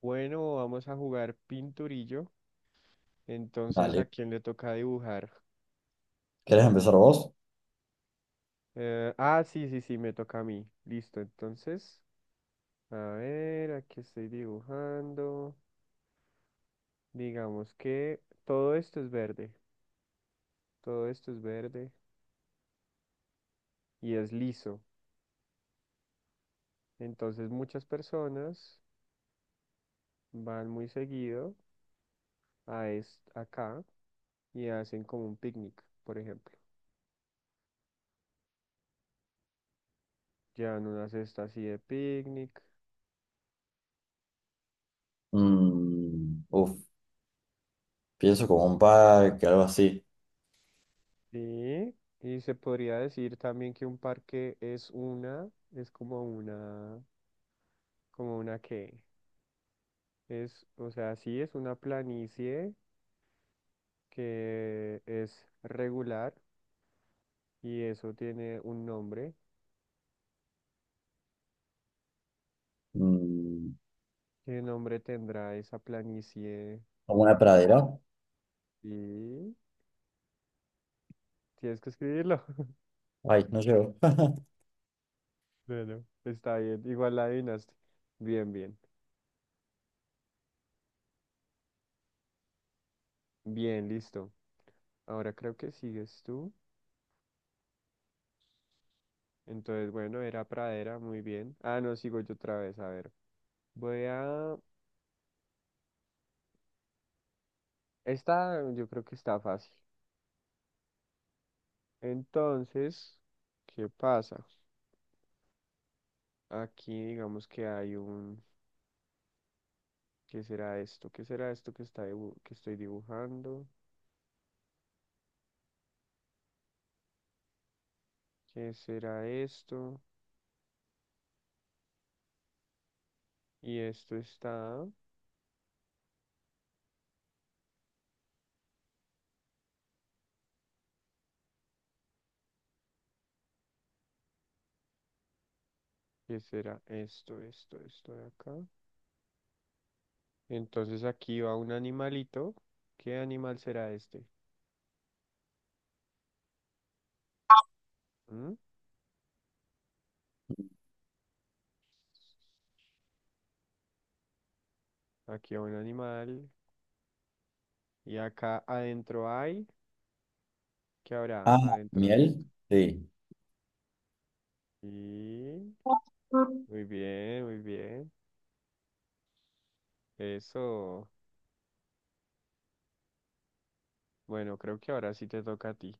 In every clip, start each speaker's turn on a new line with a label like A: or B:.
A: Bueno, vamos a jugar pinturillo. Entonces, ¿a
B: Dale.
A: quién le toca dibujar?
B: ¿Querés empezar vos?
A: Sí, sí, sí, me toca a mí. Listo, entonces, a ver, aquí estoy dibujando. Digamos que todo esto es verde, todo esto es verde y es liso. Entonces, muchas personas van muy seguido acá y hacen como un picnic, por ejemplo. Llevan una cesta así de picnic.
B: Mm, uf, Pienso como un parque, algo así.
A: Sí, y se podría decir también que un parque es una, es como una que es, o sea, sí es una planicie que es regular y eso tiene un nombre.
B: Mm,
A: ¿Qué nombre tendrá esa planicie?
B: como una pradera.
A: Y tienes que escribirlo.
B: Ay, no llego.
A: Bueno, está bien, igual la adivinaste. Bien, bien, bien, listo. Ahora creo que sigues tú. Entonces, bueno, era pradera, muy bien. Ah, no, sigo yo otra vez, a ver. Voy a... Esta yo creo que está fácil. Entonces, ¿qué pasa? Aquí digamos que hay un... ¿Qué será esto? ¿Qué será esto que está que estoy dibujando? ¿Qué será esto? Y esto está... ¿Qué será esto, esto, esto de acá? Entonces aquí va un animalito. ¿Qué animal será este? ¿Mm? Aquí va un animal. Y acá adentro hay... ¿Qué habrá
B: Ah,
A: adentro de esto?
B: miel. Sí,
A: Y... Muy bien, muy bien. Eso. Bueno, creo que ahora sí te toca a ti.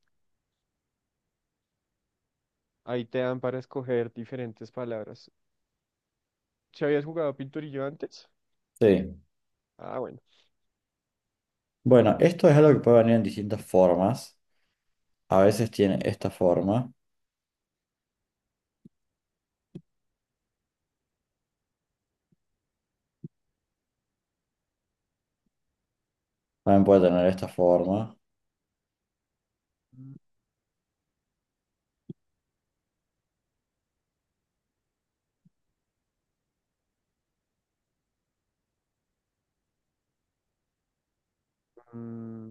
A: Ahí te dan para escoger diferentes palabras. ¿Si habías jugado pinturillo antes?
B: sí.
A: Ah, bueno.
B: Bueno, esto es algo que puede venir en distintas formas. A veces tiene esta forma. También puede tener esta forma.
A: Mm,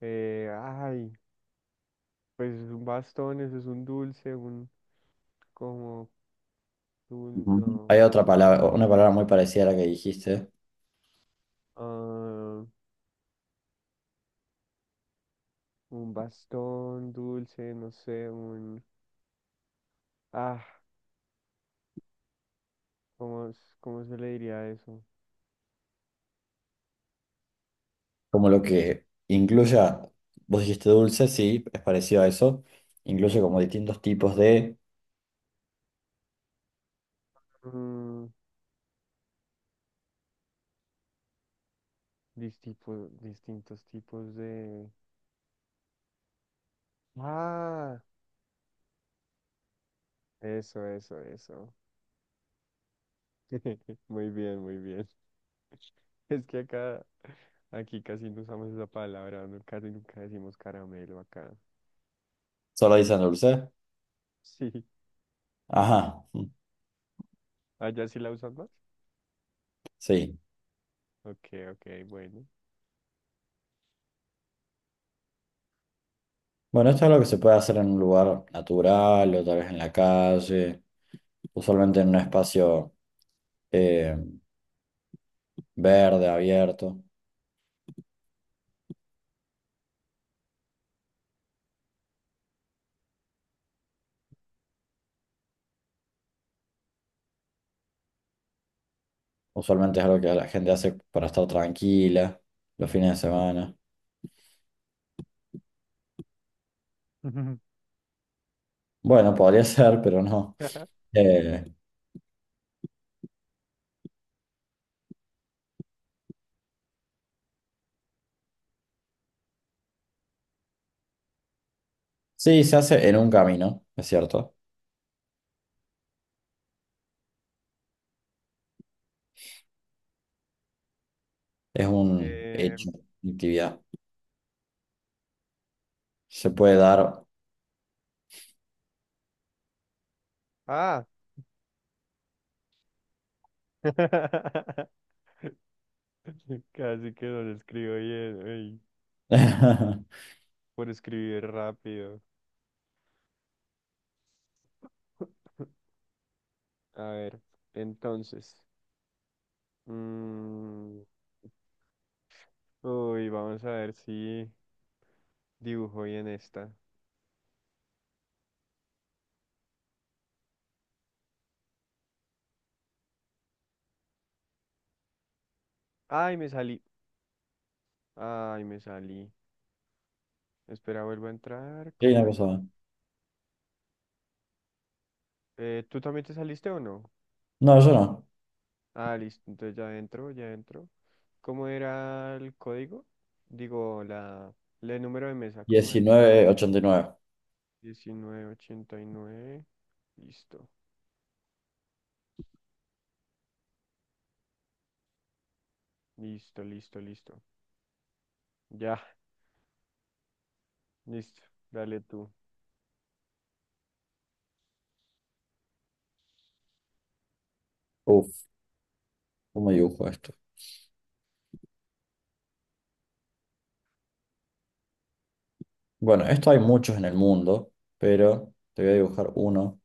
A: eh, ay, pues es un bastón, eso es un dulce, un como un
B: Ujú.
A: no.
B: Hay otra palabra, una palabra muy parecida a la que dijiste.
A: Ah, un bastón, dulce, no sé, un ah, ¿cómo, cómo se le diría a eso?
B: Como lo que incluya, vos dijiste dulce, sí, es parecido a eso. Incluye como distintos tipos de,
A: Mm, distintos tipos de. Ah, eso, eso, eso. Muy bien, muy bien. Es que acá, aquí casi no usamos esa palabra, casi nunca decimos caramelo acá.
B: solo dicen dulce.
A: Sí,
B: Ajá, mm,
A: allá sí la usan más.
B: sí.
A: Ok, ok, bueno.
B: Bueno, esto es lo que se puede hacer en un lugar natural o tal vez en la calle, usualmente en un espacio eh, verde, abierto. Usualmente es algo que la gente hace para estar tranquila los fines de semana. Bueno, podría ser, pero no. Eh, sí, se hace en un camino, es cierto. Es un
A: Eh,
B: hecho, una actividad. Se puede dar.
A: ah, casi que no lo escribo bien, ey, por escribir rápido. A ver, entonces, mm, uy, vamos a ver si dibujo bien esta. Ay, me salí. Ay, me salí. Espera, vuelvo a entrar.
B: Sí,
A: ¿Cómo
B: una
A: era?
B: cosa más.
A: ¿Tú también te saliste o no?
B: No, yo no.
A: Ah, listo. Entonces ya entro, ya entro. ¿Cómo era el código? Digo, la, el número de mesa, ¿cómo es?
B: 1989.
A: 1989. Listo, listo, listo, listo. Ya, listo. Dale tú.
B: Uf, ¿cómo dibujo esto? Bueno, esto hay muchos en el mundo, pero te voy a dibujar uno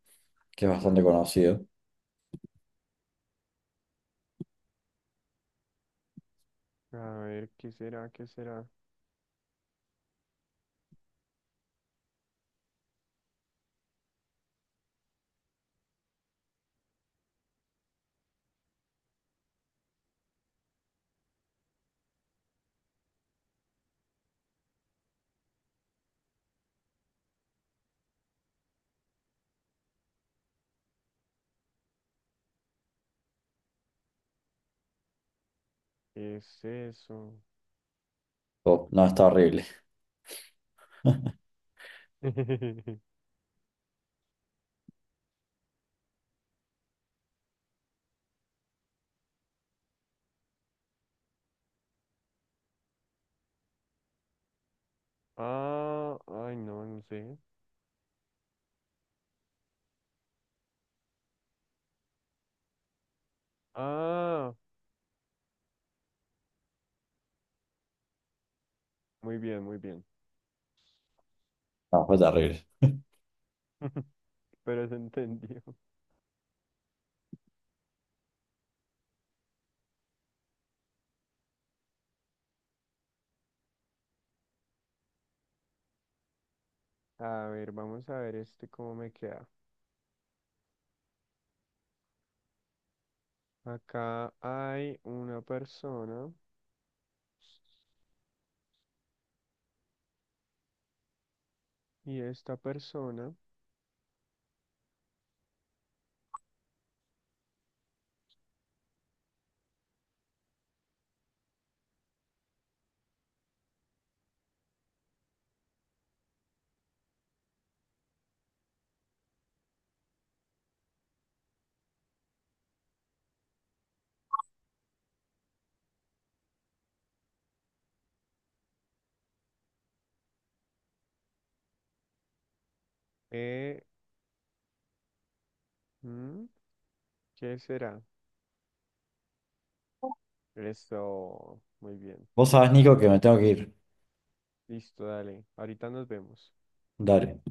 B: que es bastante conocido.
A: A ver, ¿qué será? ¿Qué será? ¿Qué es eso?
B: Oh, no, está horrible.
A: Ah, ay, no, no sé. Ah, muy bien, muy bien.
B: No, fue terrible.
A: Pero se entendió. A ver, vamos a ver este cómo me queda. Acá hay una persona y esta persona, eh, mm, ¿qué será? Esto, muy bien.
B: Vos sabés, Nico, que me tengo que ir.
A: Listo, dale. Ahorita nos vemos.
B: Dale.